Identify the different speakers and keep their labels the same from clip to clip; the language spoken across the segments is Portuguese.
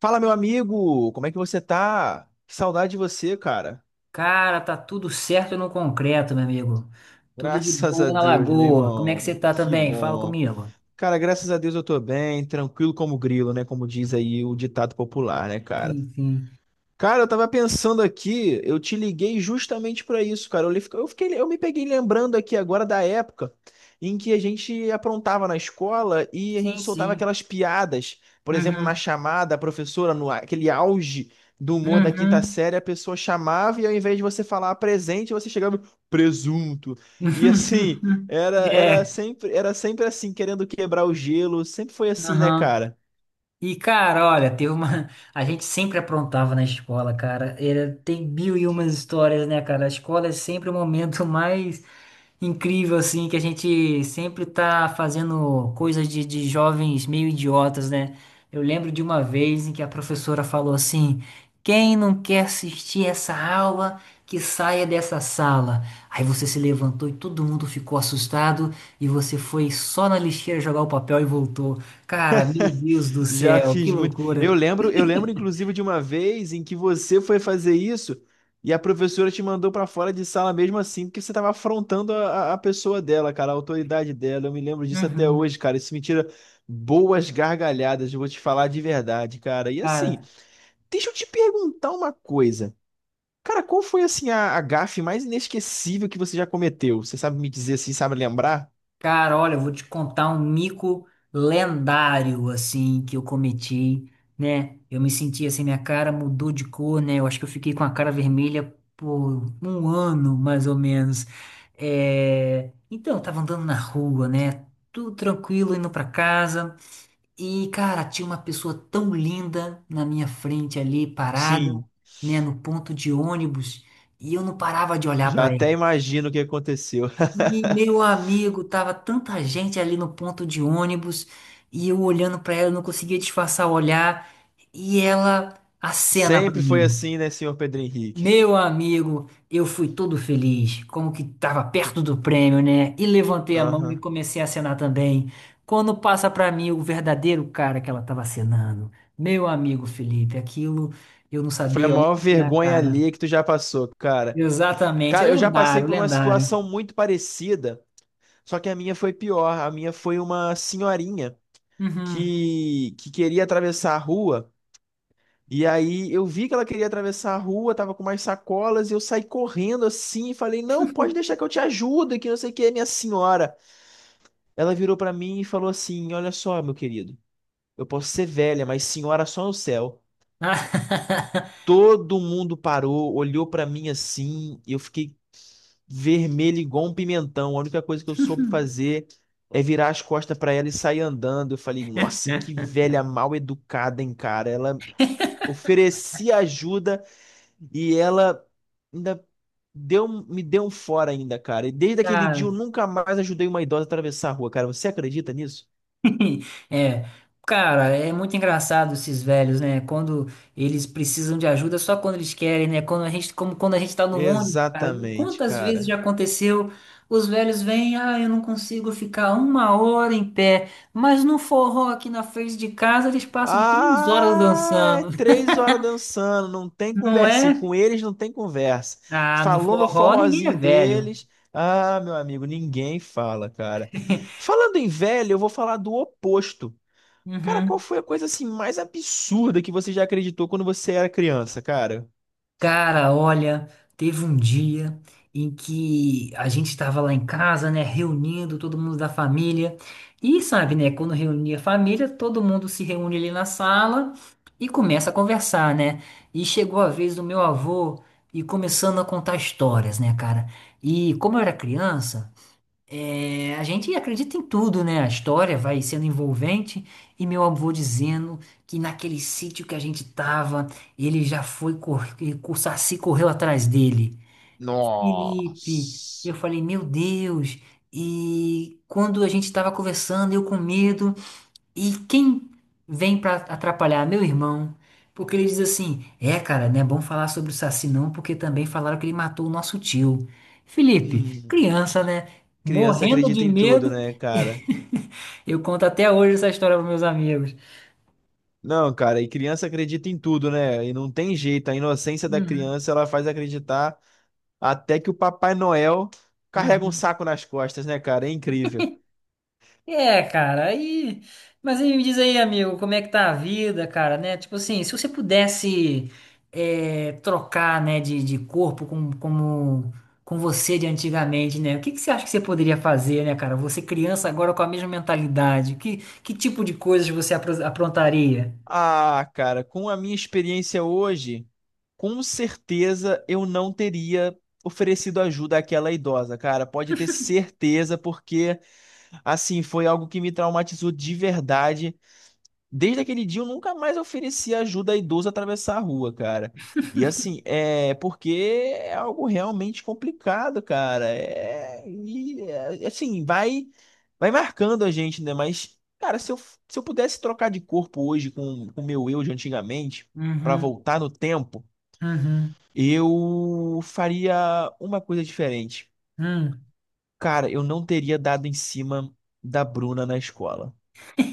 Speaker 1: Fala, meu amigo! Como é que você tá? Que saudade de você, cara.
Speaker 2: Cara, tá tudo certo no concreto, meu amigo. Tudo de
Speaker 1: Graças a
Speaker 2: boa na
Speaker 1: Deus, meu
Speaker 2: lagoa. Como é que você
Speaker 1: irmão.
Speaker 2: tá
Speaker 1: Que
Speaker 2: também? Fala
Speaker 1: bom.
Speaker 2: comigo.
Speaker 1: Cara, graças a Deus eu tô bem, tranquilo como grilo, né? Como diz aí o ditado popular, né, cara?
Speaker 2: Sim, sim.
Speaker 1: Cara, eu tava pensando aqui, eu te liguei justamente pra isso, cara. Eu, li- eu fiquei, eu me peguei lembrando aqui agora da época em que a gente aprontava na escola e a gente
Speaker 2: Sim,
Speaker 1: soltava
Speaker 2: sim.
Speaker 1: aquelas piadas. Por exemplo, na
Speaker 2: Uhum.
Speaker 1: chamada, a professora, no aquele auge do humor da quinta
Speaker 2: Uhum.
Speaker 1: série, a pessoa chamava e ao invés de você falar presente, você chegava presunto. E assim, era, era
Speaker 2: É.
Speaker 1: sempre, era sempre assim, querendo quebrar o gelo. Sempre foi assim, né,
Speaker 2: Uhum.
Speaker 1: cara?
Speaker 2: E, cara, olha, teve uma. A gente sempre aprontava na escola, cara. Tem mil e umas histórias, né, cara? A escola é sempre o momento mais incrível, assim, que a gente sempre tá fazendo coisas de jovens meio idiotas, né? Eu lembro de uma vez em que a professora falou assim: quem não quer assistir essa aula, que saia dessa sala. Aí você se levantou e todo mundo ficou assustado e você foi só na lixeira jogar o papel e voltou. Cara, meu Deus do
Speaker 1: Já
Speaker 2: céu, que
Speaker 1: fiz muito.
Speaker 2: loucura.
Speaker 1: Eu lembro inclusive de uma vez em que você foi fazer isso e a professora te mandou pra fora de sala mesmo assim, porque você tava afrontando a pessoa dela, cara, a autoridade dela. Eu me lembro disso até
Speaker 2: Uhum.
Speaker 1: hoje, cara. Isso me tira boas gargalhadas, eu vou te falar de verdade, cara. E assim,
Speaker 2: Cara,
Speaker 1: deixa eu te perguntar uma coisa. Cara, qual foi assim a gafe mais inesquecível que você já cometeu? Você sabe me dizer assim, sabe lembrar?
Speaker 2: cara, olha, eu vou te contar um mico lendário, assim, que eu cometi, né? Eu me senti assim, minha cara mudou de cor, né? Eu acho que eu fiquei com a cara vermelha por um ano, mais ou menos. É... Então, eu tava andando na rua, né? Tudo tranquilo, indo pra casa. E, cara, tinha uma pessoa tão linda na minha frente ali, parada,
Speaker 1: Sim,
Speaker 2: né, no ponto de ônibus, e eu não parava de olhar
Speaker 1: já
Speaker 2: para ela.
Speaker 1: até imagino o que aconteceu.
Speaker 2: E, meu amigo, tava tanta gente ali no ponto de ônibus, e eu olhando para ela, eu não conseguia disfarçar o olhar, e ela acena para
Speaker 1: Sempre foi
Speaker 2: mim.
Speaker 1: assim, né, senhor Pedro Henrique?
Speaker 2: Meu amigo, eu fui todo feliz, como que estava perto do prêmio, né? E levantei a mão e
Speaker 1: Aham.
Speaker 2: comecei a acenar também. Quando passa para mim o verdadeiro cara que ela estava acenando. Meu amigo Felipe, aquilo eu não
Speaker 1: Foi a
Speaker 2: sabia onde
Speaker 1: maior
Speaker 2: ia a
Speaker 1: vergonha
Speaker 2: cara.
Speaker 1: ali que tu já passou, cara.
Speaker 2: Exatamente, é
Speaker 1: Cara, eu já passei
Speaker 2: lendário,
Speaker 1: por uma
Speaker 2: lendário.
Speaker 1: situação muito parecida, só que a minha foi pior. A minha foi uma senhorinha
Speaker 2: Uhum.
Speaker 1: que queria atravessar a rua. E aí eu vi que ela queria atravessar a rua, tava com umas sacolas, e eu saí correndo assim e falei: Não, pode deixar que eu te ajudo, que não sei o que, minha senhora. Ela virou pra mim e falou assim: Olha só, meu querido, eu posso ser velha, mas senhora só no céu.
Speaker 2: Ah,
Speaker 1: Todo mundo parou, olhou pra mim assim, eu fiquei vermelho igual um pimentão. A única coisa que eu soube fazer é virar as costas pra ela e sair andando. Eu falei, nossa, que velha mal educada, hein, cara. Ela oferecia ajuda e ela ainda me deu um fora ainda, cara. E desde aquele dia
Speaker 2: Cara,
Speaker 1: eu nunca mais ajudei uma idosa a atravessar a rua, cara. Você acredita nisso?
Speaker 2: É, cara, é muito engraçado esses velhos, né? Quando eles precisam de ajuda, só quando eles querem, né? Quando a gente, como quando a gente tá no ônibus, cara,
Speaker 1: Exatamente,
Speaker 2: quantas vezes
Speaker 1: cara.
Speaker 2: já aconteceu? Os velhos vêm, ah, eu não consigo ficar uma hora em pé, mas no forró aqui na frente de casa eles passam 3 horas
Speaker 1: Ah, é
Speaker 2: dançando,
Speaker 1: 3 horas dançando, não tem
Speaker 2: não
Speaker 1: conversinha.
Speaker 2: é?
Speaker 1: Com eles não tem conversa.
Speaker 2: Ah, no
Speaker 1: Falou no
Speaker 2: forró ninguém é
Speaker 1: forrozinho
Speaker 2: velho.
Speaker 1: deles. Ah, meu amigo, ninguém fala, cara. Falando em velho, eu vou falar do oposto. Cara, qual
Speaker 2: Uhum.
Speaker 1: foi a coisa assim mais absurda que você já acreditou quando você era criança, cara?
Speaker 2: Cara, olha, teve um dia em que a gente estava lá em casa, né, reunindo todo mundo da família. E sabe, né, quando reunia a família, todo mundo se reúne ali na sala e começa a conversar, né? E chegou a vez do meu avô e começando a contar histórias, né, cara? E como eu era criança, é, a gente acredita em tudo, né? A história vai sendo envolvente e meu avô dizendo que naquele sítio que a gente tava, ele já foi, o Saci correu atrás dele. Felipe, eu
Speaker 1: Nossa.
Speaker 2: falei, meu Deus. E quando a gente tava conversando, eu com medo, e quem vem pra atrapalhar? Meu irmão. Porque ele diz assim: é, cara, não é bom falar sobre o Saci não, porque também falaram que ele matou o nosso tio. Felipe,
Speaker 1: Hum,
Speaker 2: criança, né?
Speaker 1: criança
Speaker 2: Morrendo de
Speaker 1: acredita em tudo,
Speaker 2: medo.
Speaker 1: né, cara?
Speaker 2: Eu conto até hoje essa história para meus amigos.
Speaker 1: Não, cara, e criança acredita em tudo, né? E não tem jeito, a inocência da
Speaker 2: Uhum,
Speaker 1: criança ela faz acreditar até que o Papai Noel carrega um
Speaker 2: uhum.
Speaker 1: saco nas costas, né, cara? É incrível.
Speaker 2: É, cara, aí. Mas aí me diz aí, amigo, como é que tá a vida, cara, né? Tipo assim, se você pudesse trocar, né, de corpo com você de antigamente, né? O que que você acha que você poderia fazer, né, cara? Você criança agora com a mesma mentalidade. Que tipo de coisas você aprontaria?
Speaker 1: Ah, cara, com a minha experiência hoje, com certeza eu não teria oferecido ajuda àquela idosa, cara. Pode ter certeza, porque assim foi algo que me traumatizou de verdade. Desde aquele dia eu nunca mais ofereci ajuda a idoso a atravessar a rua, cara. E assim, é porque é algo realmente complicado, cara. Assim, vai marcando a gente, né? Mas, cara, se eu pudesse trocar de corpo hoje com o meu eu de antigamente, pra
Speaker 2: Uhum,
Speaker 1: voltar no tempo,
Speaker 2: uhum,
Speaker 1: eu faria uma coisa diferente.
Speaker 2: uhum,
Speaker 1: Cara, eu não teria dado em cima da Bruna na escola.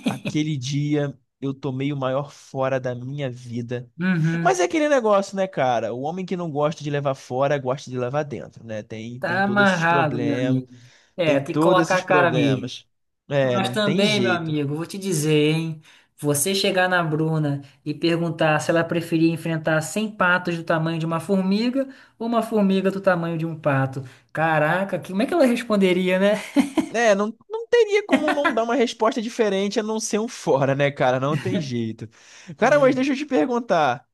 Speaker 1: Aquele dia eu tomei o maior fora da minha vida.
Speaker 2: uhum.
Speaker 1: Mas é aquele negócio, né, cara? O homem que não gosta de levar fora, gosta de levar dentro, né? Tem,
Speaker 2: Tá
Speaker 1: tem todos esses
Speaker 2: amarrado, meu
Speaker 1: problemas,
Speaker 2: amigo. É,
Speaker 1: tem
Speaker 2: tem que
Speaker 1: todos
Speaker 2: colocar a
Speaker 1: esses
Speaker 2: cara mesmo.
Speaker 1: problemas. É,
Speaker 2: Mas
Speaker 1: não tem
Speaker 2: também, meu
Speaker 1: jeito.
Speaker 2: amigo, vou te dizer, hein? Você chegar na Bruna e perguntar se ela preferia enfrentar 100 patos do tamanho de uma formiga ou uma formiga do tamanho de um pato. Caraca, como é que ela responderia, né?
Speaker 1: É, não, não teria como não dar uma resposta diferente a não ser um fora, né, cara? Não tem jeito. Cara, mas
Speaker 2: É,
Speaker 1: deixa eu te perguntar.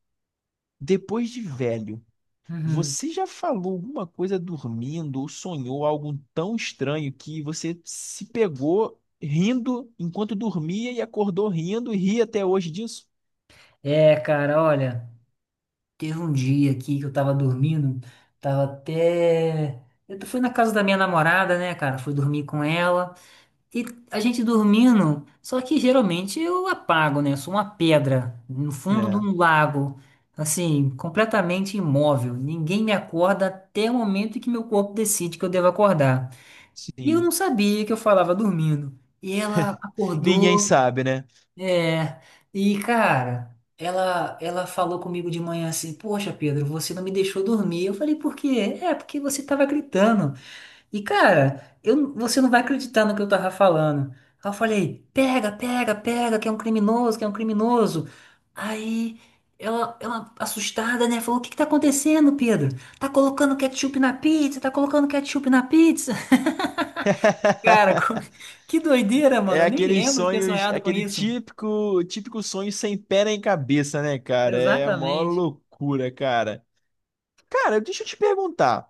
Speaker 1: Depois de velho,
Speaker 2: uhum.
Speaker 1: você já falou alguma coisa dormindo ou sonhou algo tão estranho que você se pegou rindo enquanto dormia e acordou rindo e ri até hoje disso?
Speaker 2: É, cara, olha, teve um dia aqui que eu tava dormindo, tava até. Eu fui na casa da minha namorada, né, cara? Fui dormir com ela. E a gente dormindo, só que geralmente eu apago, né? Eu sou uma pedra no fundo de
Speaker 1: É,
Speaker 2: um lago, assim, completamente imóvel. Ninguém me acorda até o momento em que meu corpo decide que eu devo acordar. E eu não
Speaker 1: sim.
Speaker 2: sabia que eu falava dormindo. E ela
Speaker 1: Ninguém
Speaker 2: acordou,
Speaker 1: sabe, né?
Speaker 2: é. E cara, ela falou comigo de manhã assim: "Poxa, Pedro, você não me deixou dormir." Eu falei: "Por quê?" É, porque você tava gritando. E, cara, você não vai acreditar no que eu tava falando. Aí eu falei, pega, pega, pega, que é um criminoso, que é um criminoso. Aí ela assustada, né, falou, o que que tá acontecendo, Pedro? Tá colocando ketchup na pizza, tá colocando ketchup na pizza. Cara, que doideira, mano.
Speaker 1: É
Speaker 2: Eu nem
Speaker 1: aqueles
Speaker 2: lembro de ter
Speaker 1: sonhos,
Speaker 2: sonhado com
Speaker 1: aquele
Speaker 2: isso.
Speaker 1: típico, típico sonho sem pé nem cabeça, né, cara? É a maior
Speaker 2: Exatamente.
Speaker 1: loucura, cara. Cara, deixa eu te perguntar.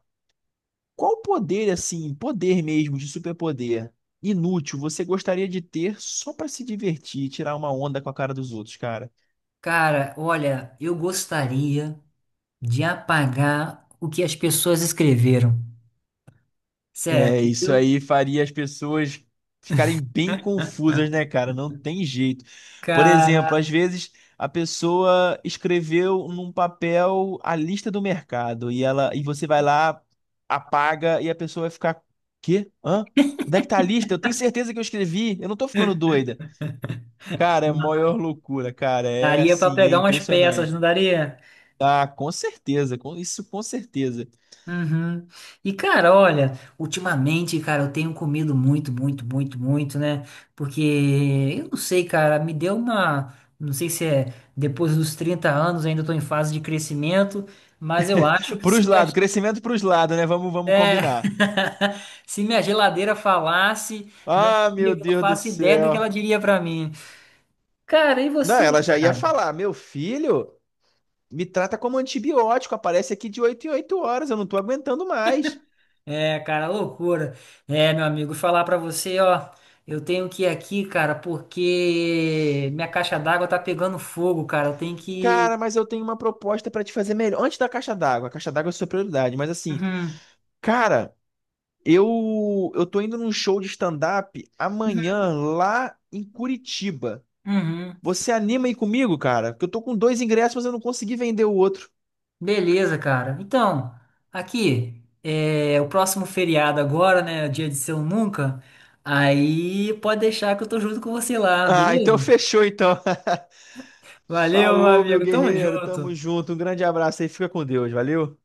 Speaker 1: Qual poder, assim, poder mesmo, de superpoder, inútil, você gostaria de ter só pra se divertir e tirar uma onda com a cara dos outros, cara?
Speaker 2: Cara, olha, eu gostaria de apagar o que as pessoas escreveram. Sério,
Speaker 1: É, isso
Speaker 2: eu,
Speaker 1: aí faria as pessoas ficarem bem confusas, né, cara? Não tem jeito. Por
Speaker 2: cara.
Speaker 1: exemplo, às vezes a pessoa escreveu num papel a lista do mercado e ela e você vai lá, apaga e a pessoa vai ficar, quê? Hã? Onde é que tá a lista? Eu tenho certeza que eu escrevi. Eu não tô ficando doida. Cara, é a maior loucura, cara. É
Speaker 2: Daria pra
Speaker 1: assim, é
Speaker 2: pegar umas peças, não
Speaker 1: impressionante.
Speaker 2: daria?
Speaker 1: Ah, com certeza, com isso com certeza.
Speaker 2: Uhum. E cara, olha, ultimamente, cara, eu tenho comido muito, muito, muito, muito, né? Porque eu não sei, cara, me deu uma, não sei se é depois dos 30 anos, ainda tô em fase de crescimento, mas eu acho que se
Speaker 1: Pros
Speaker 2: minha,
Speaker 1: lados, crescimento pros lados, né? Vamos, vamos
Speaker 2: é,
Speaker 1: combinar.
Speaker 2: se minha geladeira falasse, meu
Speaker 1: Ah, meu
Speaker 2: amigo, eu não
Speaker 1: Deus do
Speaker 2: faço ideia do que ela
Speaker 1: céu.
Speaker 2: diria pra mim. Cara, e
Speaker 1: Não,
Speaker 2: você,
Speaker 1: ela já ia
Speaker 2: cara?
Speaker 1: falar, meu filho, me trata como antibiótico, aparece aqui de 8 em 8 horas, eu não tô aguentando mais.
Speaker 2: É, cara, loucura. É, meu amigo, falar pra você, ó, eu tenho que ir aqui, cara, porque minha caixa d'água tá pegando fogo, cara. Eu tenho que.
Speaker 1: Cara, mas eu tenho uma proposta pra te fazer melhor. Antes da caixa d'água, a caixa d'água é sua prioridade, mas assim,
Speaker 2: Uhum,
Speaker 1: cara, eu tô indo num show de stand-up amanhã lá em Curitiba.
Speaker 2: uhum.
Speaker 1: Você anima aí comigo, cara? Porque eu tô com dois ingressos, mas eu não consegui vender o outro.
Speaker 2: Beleza, cara. Então, aqui, é o próximo feriado agora, né? Dia de Seu Nunca. Aí pode deixar que eu tô junto com você lá,
Speaker 1: Ah, então
Speaker 2: beleza?
Speaker 1: fechou então.
Speaker 2: Valeu, meu
Speaker 1: Falou, meu
Speaker 2: amigo. Tamo
Speaker 1: guerreiro.
Speaker 2: junto.
Speaker 1: Tamo junto. Um grande abraço aí. Fica com Deus. Valeu.